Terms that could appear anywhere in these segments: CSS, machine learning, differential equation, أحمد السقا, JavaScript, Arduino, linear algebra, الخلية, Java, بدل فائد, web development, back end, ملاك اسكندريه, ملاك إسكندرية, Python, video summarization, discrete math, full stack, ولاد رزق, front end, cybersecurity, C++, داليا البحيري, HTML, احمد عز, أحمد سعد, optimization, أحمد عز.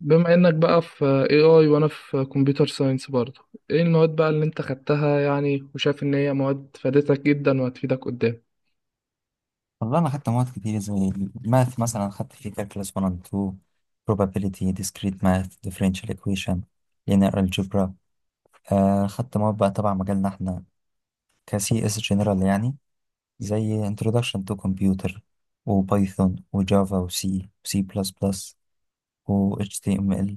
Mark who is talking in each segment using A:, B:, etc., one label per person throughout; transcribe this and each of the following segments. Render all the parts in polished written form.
A: بما انك بقى في AI وانا في كمبيوتر ساينس برضه، ايه المواد بقى اللي انت خدتها، يعني وشايف ان هي مواد فادتك جدا وهتفيدك قدام؟
B: والله أنا خدت مواد كتير زي math، مثلاً خدت في كلاس one and two، probability، discrete math، differential equation، linear algebra. خدت مواد بقى، طبعاً مجالنا إحنا كاسياس جينرال يعني، زي introduction to computer، وبايثون، وجوافا، وسي، سي بلس بلس، وhtml.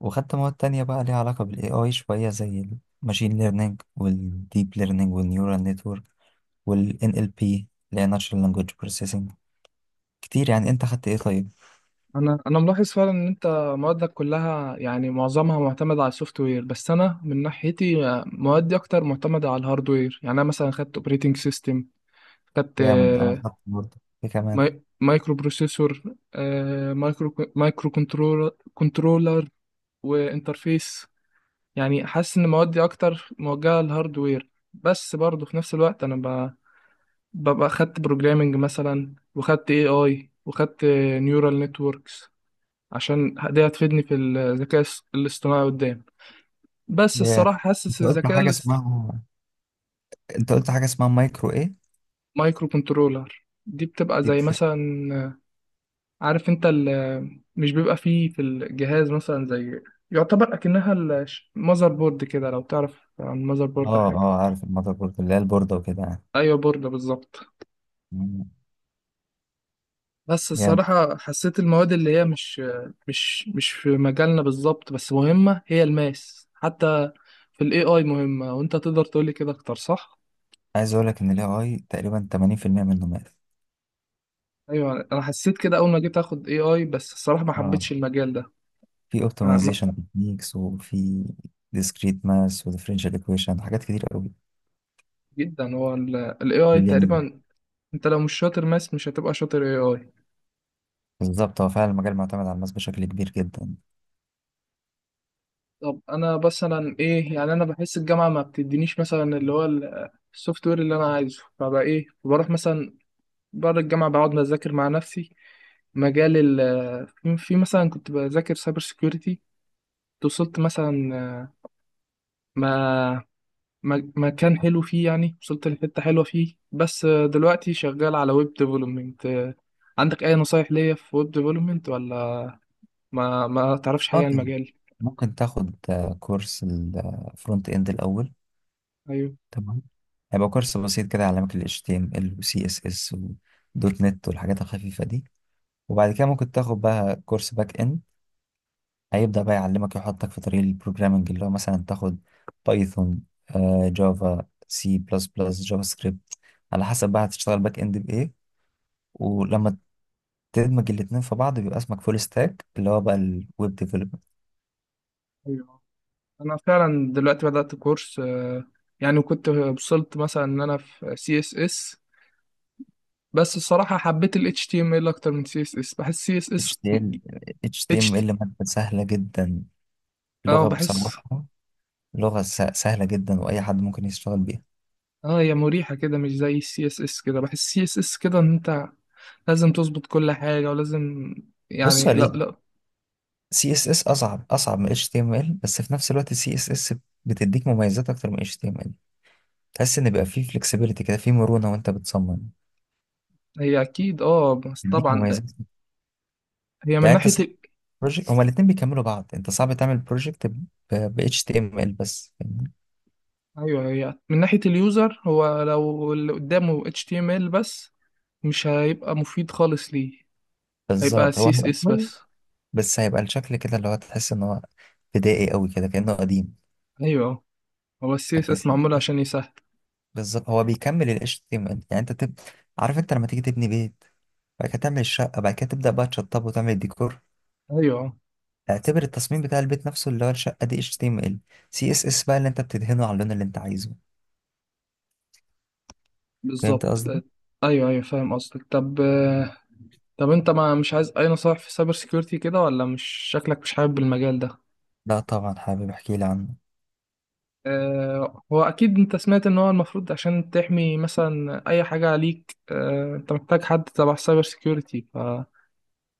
B: وخدت مواد تانية بقى اللي علاقة بالإي أيش بقية، زي machine learning، والdeeplearning، والناورالنور، والNLP language processing. كتير يعني. أنت خدت أي؟ طيب،
A: انا ملاحظ فعلا ان انت موادك كلها، يعني معظمها معتمد على السوفت وير، بس انا من ناحيتي موادي اكتر معتمده على الهاردوير. يعني انا مثلا خدت اوبريتنج سيستم، خدت
B: جامد. انا حاطط برضه، ايه كمان؟
A: مايكرو بروسيسور، مايكرو كنترولر، وانترفيس. يعني حاسس ان موادي اكتر موجهه للهاردوير، بس برضه في نفس الوقت انا ببقى خدت بروجرامنج مثلا، وخدت اي اي، وخدت نيورال نتوركس، عشان دي هتفيدني في الذكاء الاصطناعي قدام. بس
B: جامد.
A: الصراحه حاسس
B: انت قلت
A: الذكاء
B: حاجه اسمها انت قلت حاجه اسمها مايكرو ايه؟
A: مايكرو كنترولر دي بتبقى
B: دي
A: زي
B: بتر...
A: مثلا، عارف انت مش بيبقى فيه في الجهاز مثلا، زي يعتبر اكنها المذر بورد كده. لو تعرف عن المذر بورد
B: اه
A: حاجه.
B: اه، عارف المذر بورد اللي هي البورده وكده يعني.
A: ايوه، بورد بالظبط.
B: مم.
A: بس
B: جامد.
A: الصراحة حسيت المواد اللي هي مش في مجالنا بالظبط، بس مهمة، هي الماس حتى في الاي اي مهمة، وانت تقدر تقولي كده اكتر صح؟
B: عايز اقول لك ان الاي اي تقريبا 80% منه ماث.
A: ايوه، انا حسيت كده اول ما جيت اخد اي اي، بس الصراحة ما
B: اه،
A: حبيتش المجال ده.
B: في
A: ما- ما-
B: اوبتمايزيشن تكنيكس، وفي ديسكريت ماس، وديفرنشال ايكويشن، حاجات كتير قوي.
A: جدا هو الاي اي
B: بريليانين.
A: تقريبا. انت لو مش شاطر ماس، مش هتبقى شاطر اي اي.
B: بالظبط، هو فعلا المجال معتمد على الماس بشكل كبير جدا.
A: طب انا مثلا ايه؟ يعني انا بحس الجامعة ما بتدينيش مثلا اللي هو السوفت وير اللي انا عايزه، فبقى ايه، بروح مثلا بعد الجامعة بقعد بذاكر مع نفسي. مجال ال في مثلا كنت بذاكر سايبر سيكيورتي، وصلت مثلا ما مكان حلو فيه، يعني وصلت لحتة حلوة فيه. بس دلوقتي شغال على ويب ديفلوبمنت. عندك أي نصايح ليا في ويب ديفلوبمنت، ولا ما تعرفش
B: اه
A: حاجة عن
B: طبعاً.
A: المجال؟
B: ممكن تاخد كورس الفرونت اند الاول.
A: أيوه،
B: تمام. هيبقى كورس بسيط كده يعلمك ال HTML و CSS و دوت نت والحاجات الخفيفة دي. وبعد كده ممكن تاخد بقى كورس باك اند. هيبدأ بقى يعلمك، يحطك في طريق البروجرامنج، اللي هو مثلا تاخد بايثون، جافا، سي بلس بلس، جافا سكريبت، على حسب بقى هتشتغل باك اند بإيه. ولما تدمج الاتنين في بعض بيبقى اسمك فول ستاك، اللي هو بقى الويب ديفلوبمنت.
A: أيوه، أنا فعلا دلوقتي بدأت كورس، يعني وكنت وصلت مثلا إن أنا في سي اس اس، بس الصراحة حبيت ال HTML أكتر من سي اس اس. بحس سي اس
B: HTML
A: اس،
B: HTML مادة سهلة جدا،
A: اه،
B: لغة
A: بحس،
B: بصراحة، سهلة جدا وأي حد ممكن يشتغل بيها.
A: اه، هي مريحة كده، مش زي السي اس اس. كده بحس السي اس اس كده ان انت لازم تظبط كل حاجة، ولازم،
B: بص
A: يعني، لا
B: عليه،
A: لا.
B: سي اس اس اصعب، اصعب من اتش تي ام ال، بس في نفس الوقت السي اس اس بتديك مميزات اكتر من اتش تي ام ال. تحس ان بيبقى فيه فلكسبيليتي كده، فيه مرونه وانت بتصمم،
A: هي اكيد، اه، بس
B: بيديك
A: طبعا
B: مميزات.
A: هي من
B: يعني انت
A: ناحية
B: صعب
A: ال.
B: بروجكت، هما الاتنين بيكملوا بعض، انت صعب تعمل بروجكت ب اتش تي ام ال بس، فاهمني؟
A: ايوه، هي من ناحية اليوزر، هو لو اللي قدامه HTML بس مش هيبقى مفيد خالص، ليه؟ هيبقى
B: بالظبط، هو هيبقى
A: CSS
B: كويس
A: بس.
B: بس هيبقى الشكل كده اللي هو تحس ان هو بدائي قوي كده، كانه قديم.
A: ايوه، آه. هو ال
B: لكن
A: CSS
B: سي
A: معمول عشان يسهل.
B: بالظبط، هو بيكمل ال HTML. يعني انت تب... عارف انت لما تيجي تبني بيت، بعد كده تعمل الشقه، بعد كده تبدا بقى تشطبه وتعمل الديكور.
A: ايوه، آه.
B: اعتبر التصميم بتاع البيت نفسه اللي هو الشقة دي HTML، CSS بقى اللي انت بتدهنه على اللون اللي انت عايزه. فهمت
A: بالظبط.
B: قصدي؟
A: ايوه، ايوه، فاهم قصدك. طب انت ما مش عايز اي نصائح في سايبر سيكيورتي كده، ولا مش شكلك مش حابب المجال ده؟
B: لا طبعا، حابب احكي لي عنه.
A: اه، هو اكيد انت سمعت ان هو المفروض عشان تحمي مثلا اي حاجة عليك، اه انت محتاج حد تبع سايبر سيكيورتي،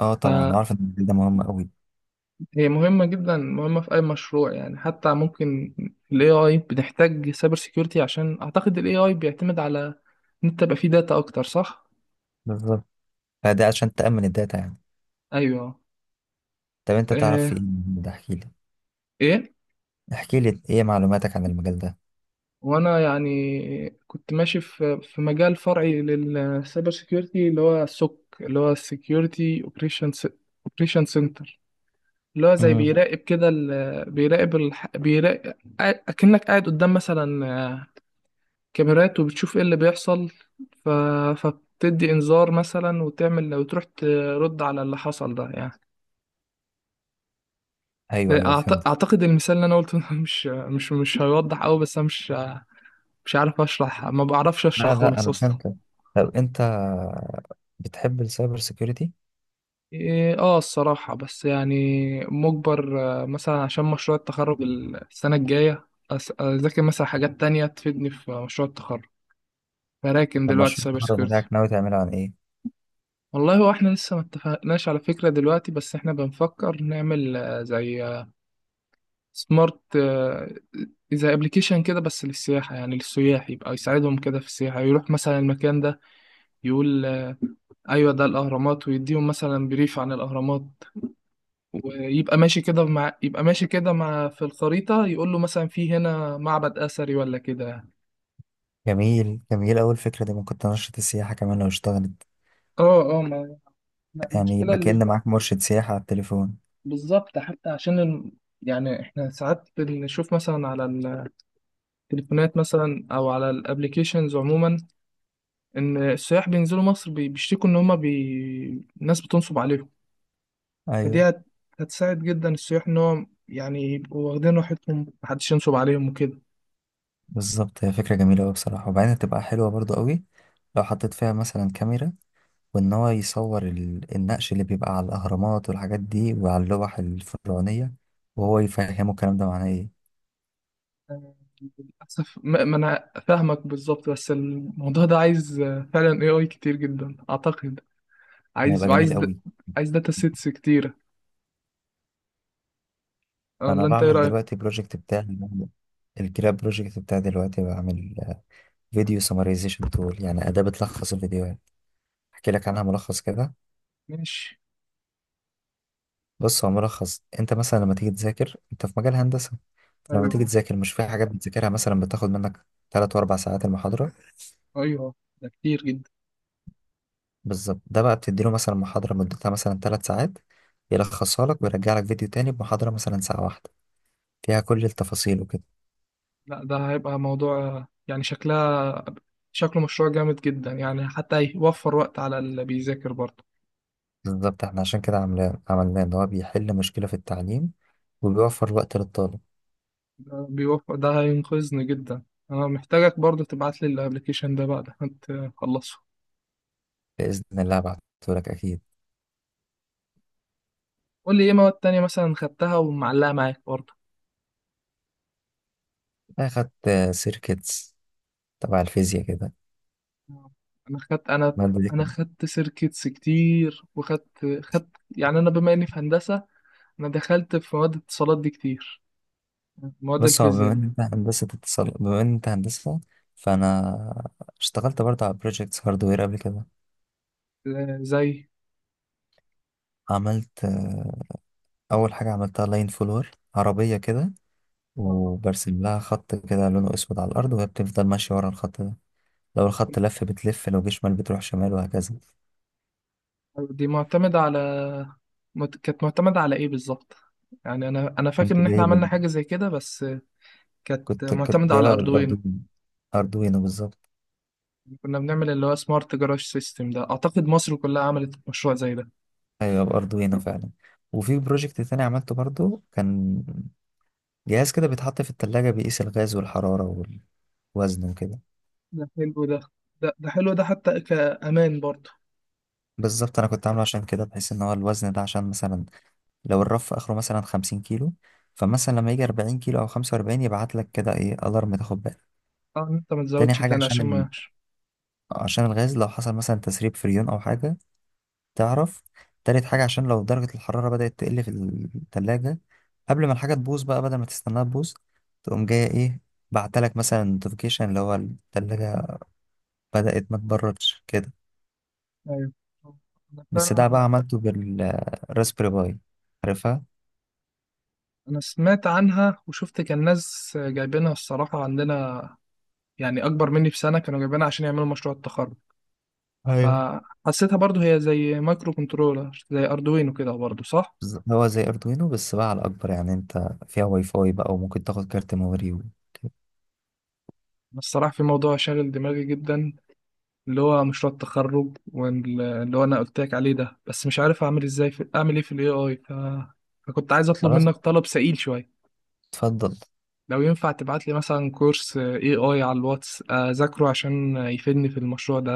B: اه طبعا،
A: فهي
B: وعارف ان الجيل ده مهم قوي.
A: مهمة جدا، مهمة في اي مشروع يعني. حتى ممكن في الاي اي بنحتاج سايبر سيكيورتي، عشان اعتقد الاي اي بيعتمد على ان انت يبقى فيه داتا اكتر، صح؟
B: بالظبط، فده عشان تأمن الداتا يعني.
A: ايوه.
B: طب انت تعرف في
A: اه.
B: ايه من ده؟ احكي لي.
A: ايه.
B: احكي لي ايه معلوماتك عن المجال ده؟
A: وانا يعني كنت ماشي في مجال فرعي للسايبر سيكيورتي، اللي هو السوك، اللي هو السيكيورتي اوبريشن سنتر، اللي هو زي
B: امم.
A: بيراقب كده، بيراقب، اكنك قاعد قدام مثلا كاميرات، وبتشوف ايه اللي بيحصل، ف... فبتدي انذار مثلا، وتعمل وتروح ترد على اللي حصل ده يعني.
B: ايوه ايوه فهمت.
A: اعتقد المثال اللي انا قلته ده مش هيوضح قوي، بس انا مش عارف اشرح، ما بعرفش اشرح
B: لا لا
A: خالص
B: انا
A: اصلا.
B: فهمت. طب انت بتحب السايبر سيكيورتي؟
A: إيه، اه، الصراحة بس يعني مجبر، مثلا عشان مشروع التخرج السنة الجاية، أذاكر مثلا حاجات تانية تفيدني في مشروع التخرج، فراكم
B: طب
A: دلوقتي
B: مشروع
A: سايبر
B: التخرج
A: سيكيورتي.
B: بتاعك ناوي تعمله عن ايه؟
A: والله هو احنا لسه ما اتفقناش على فكرة دلوقتي، بس احنا بنفكر نعمل، زي سمارت، زي ابلكيشن كده بس للسياحة، يعني للسياح، يبقى يساعدهم كده في السياحة. يروح مثلا المكان ده يقول، ايوه، ده الاهرامات، ويديهم مثلا بريف عن الاهرامات، ويبقى ماشي كده مع يبقى ماشي كده مع في الخريطة، يقول له مثلا في هنا معبد أثري ولا كده يعني.
B: جميل جميل، اول فكرة دي ممكن تنشط السياحة كمان لو اشتغلت.
A: اه، اه، ما
B: يعني
A: المشكلة
B: يبقى كأن معاك مرشد سياحة على التليفون.
A: بالظبط، حتى عشان يعني احنا ساعات بنشوف مثلا على التليفونات مثلا، او على الابليكيشنز عموما، ان السياح بينزلوا مصر، بيشتكوا ان هما، الناس بتنصب عليهم، فدي
B: ايوه
A: هتساعد جدا السياح، ان هو يعني يبقوا واخدين راحتهم محدش ينصب عليهم وكده.
B: بالظبط، هي فكرة جميلة أوي بصراحة. وبعدين هتبقى حلوة برضو أوي لو حطيت فيها مثلا كاميرا، وإن هو يصور النقش اللي بيبقى على الأهرامات والحاجات دي وعلى اللوح الفرعونية، وهو يفهمه الكلام ده معناه إيه.
A: للأسف ما أنا فاهمك بالظبط، بس الموضوع ده عايز فعلا AI كتير جدا أعتقد، عايز
B: هيبقى
A: وعايز
B: جميل
A: د...
B: أوي.
A: عايز داتا سيتس كتيرة،
B: أنا
A: ولا أنت إيه
B: بعمل
A: رأيك؟
B: دلوقتي بروجكت بتاعي، الجراب بروجكت بتاعي، دلوقتي بعمل فيديو سمرايزيشن تول، يعني أداة بتلخص الفيديوهات. أحكي لك عنها ملخص كده.
A: ماشي.
B: بص، هو ملخص. أنت مثلا لما تيجي تذاكر، أنت في مجال هندسة، لما تيجي
A: أيوه،
B: تذاكر مش في حاجات بتذاكرها مثلا بتاخد منك 3 و4 ساعات المحاضرة.
A: أيوه، ده كتير جدا.
B: بالظبط، ده بقى بتديله مثلا محاضرة مدتها مثلا 3 ساعات، يلخصها لك ويرجع لك فيديو تاني بمحاضرة مثلا ساعة واحدة فيها كل التفاصيل وكده.
A: لا، ده هيبقى موضوع، يعني شكله مشروع جامد جدا، يعني حتى هيوفر وقت على اللي بيذاكر برضه.
B: بالظبط، احنا عشان كده عملناه إن هو بيحل مشكلة في التعليم، وبيوفر وقت للطالب.
A: ده هينقذني جدا. أنا محتاجك برضه تبعت لي الأبلكيشن ده بعد ما تخلصه.
B: بإذن الله بعتهولك أكيد.
A: قول لي إيه مواد تانية مثلا خدتها ومعلقة معاك برضه.
B: أخدت سيركتس تبع الفيزياء كده.
A: انا خدت انا
B: المادة دي
A: انا
B: كانت-
A: خدت سيركتس كتير، وخدت. يعني انا بما اني في هندسه، انا دخلت في مواد الاتصالات دي كتير، مواد
B: بص، هو بما
A: الفيزياء.
B: إن أنت هندسة اتصال، بما إن أنت هندسة فأنا اشتغلت برضه على بروجيكتس هاردوير قبل كده.
A: زي
B: عملت أول حاجة عملتها لاين فولور عربية كده،
A: آه،
B: وبرسم لها خط كده لونه أسود على الأرض وهي بتفضل ماشية ورا الخط ده. لو الخط لف بتلف، لو جه شمال بتروح شمال، وهكذا.
A: دي معتمده على مت- كانت معتمده على ايه بالظبط؟ يعني انا فاكر
B: كنت
A: ان احنا
B: جايب
A: عملنا
B: ال-
A: حاجه زي كده، بس كانت
B: كنت
A: معتمده على
B: جايبها
A: اردوينو.
B: بالأردوينو، أردوينو بالظبط.
A: كنا بنعمل اللي هو سمارت جراج سيستم، ده اعتقد مصر كلها عملت مشروع زي ده.
B: أيوة بأردوينو فعلا. وفي بروجكت تاني عملته برضو، كان جهاز كده بيتحط في التلاجة بيقيس الغاز والحرارة والوزن وكده.
A: ده حلو ده، ده, ده حلو ده حتى كامان برضه.
B: بالظبط، أنا كنت عامله عشان كده بحيث إن هو الوزن ده عشان مثلا لو الرف اخره مثلا 50 كيلو، فمثلا لما يجي 40 كيلو او 45 يبعت لك كده ايه الارم، تاخد بالك.
A: اه، ان انت ما
B: تاني
A: تزودش
B: حاجه
A: تاني عشان ما.
B: عشان الغاز لو حصل مثلا تسريب فريون او حاجه تعرف. تالت حاجه عشان لو درجه الحراره بدات تقل في الثلاجه، قبل ما الحاجه تبوظ بقى، بدل ما تستناها تبوظ تقوم جايه ايه بعتلك مثلا نوتيفيكيشن اللي هو الثلاجه بدات ما تبردش كده.
A: ايوه، انا
B: بس
A: فعلا
B: ده بقى
A: انا
B: عملته بالراسبيري باي، عارفها؟
A: انا سمعت عنها، وشفت كان ناس جايبينها الصراحه عندنا، يعني اكبر مني بسنه كانوا جايبينها عشان يعملوا مشروع التخرج،
B: ايوه،
A: فحسيتها برضو هي زي مايكرو كنترولر زي اردوينو كده برضو، صح؟
B: هو زي أردوينو بس بقى على أكبر، يعني أنت فيها واي فاي بقى وممكن تاخد كارت ميموري و-
A: بس الصراحه في موضوع شاغل دماغي جدا، اللي هو مشروع التخرج، واللي هو انا قلت لك عليه ده، بس مش عارف اعمل ازاي، في اعمل ايه في الاي اي، فكنت عايز اطلب
B: خلاص.
A: منك طلب سئيل شويه.
B: اتفضل.
A: لو ينفع تبعت لي مثلا كورس اي اي على الواتس اذاكره عشان يفيدني في المشروع ده،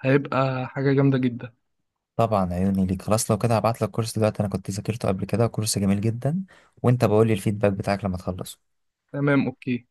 A: هيبقى حاجة جامدة جدا.
B: طبعا عيوني ليك. خلاص لو كده هبعت لك كورس دلوقتي، أنا كنت ذاكرته قبل كده كورس جميل جدا، وأنت بقول لي الفيدباك بتاعك لما تخلصه.
A: تمام اوكي.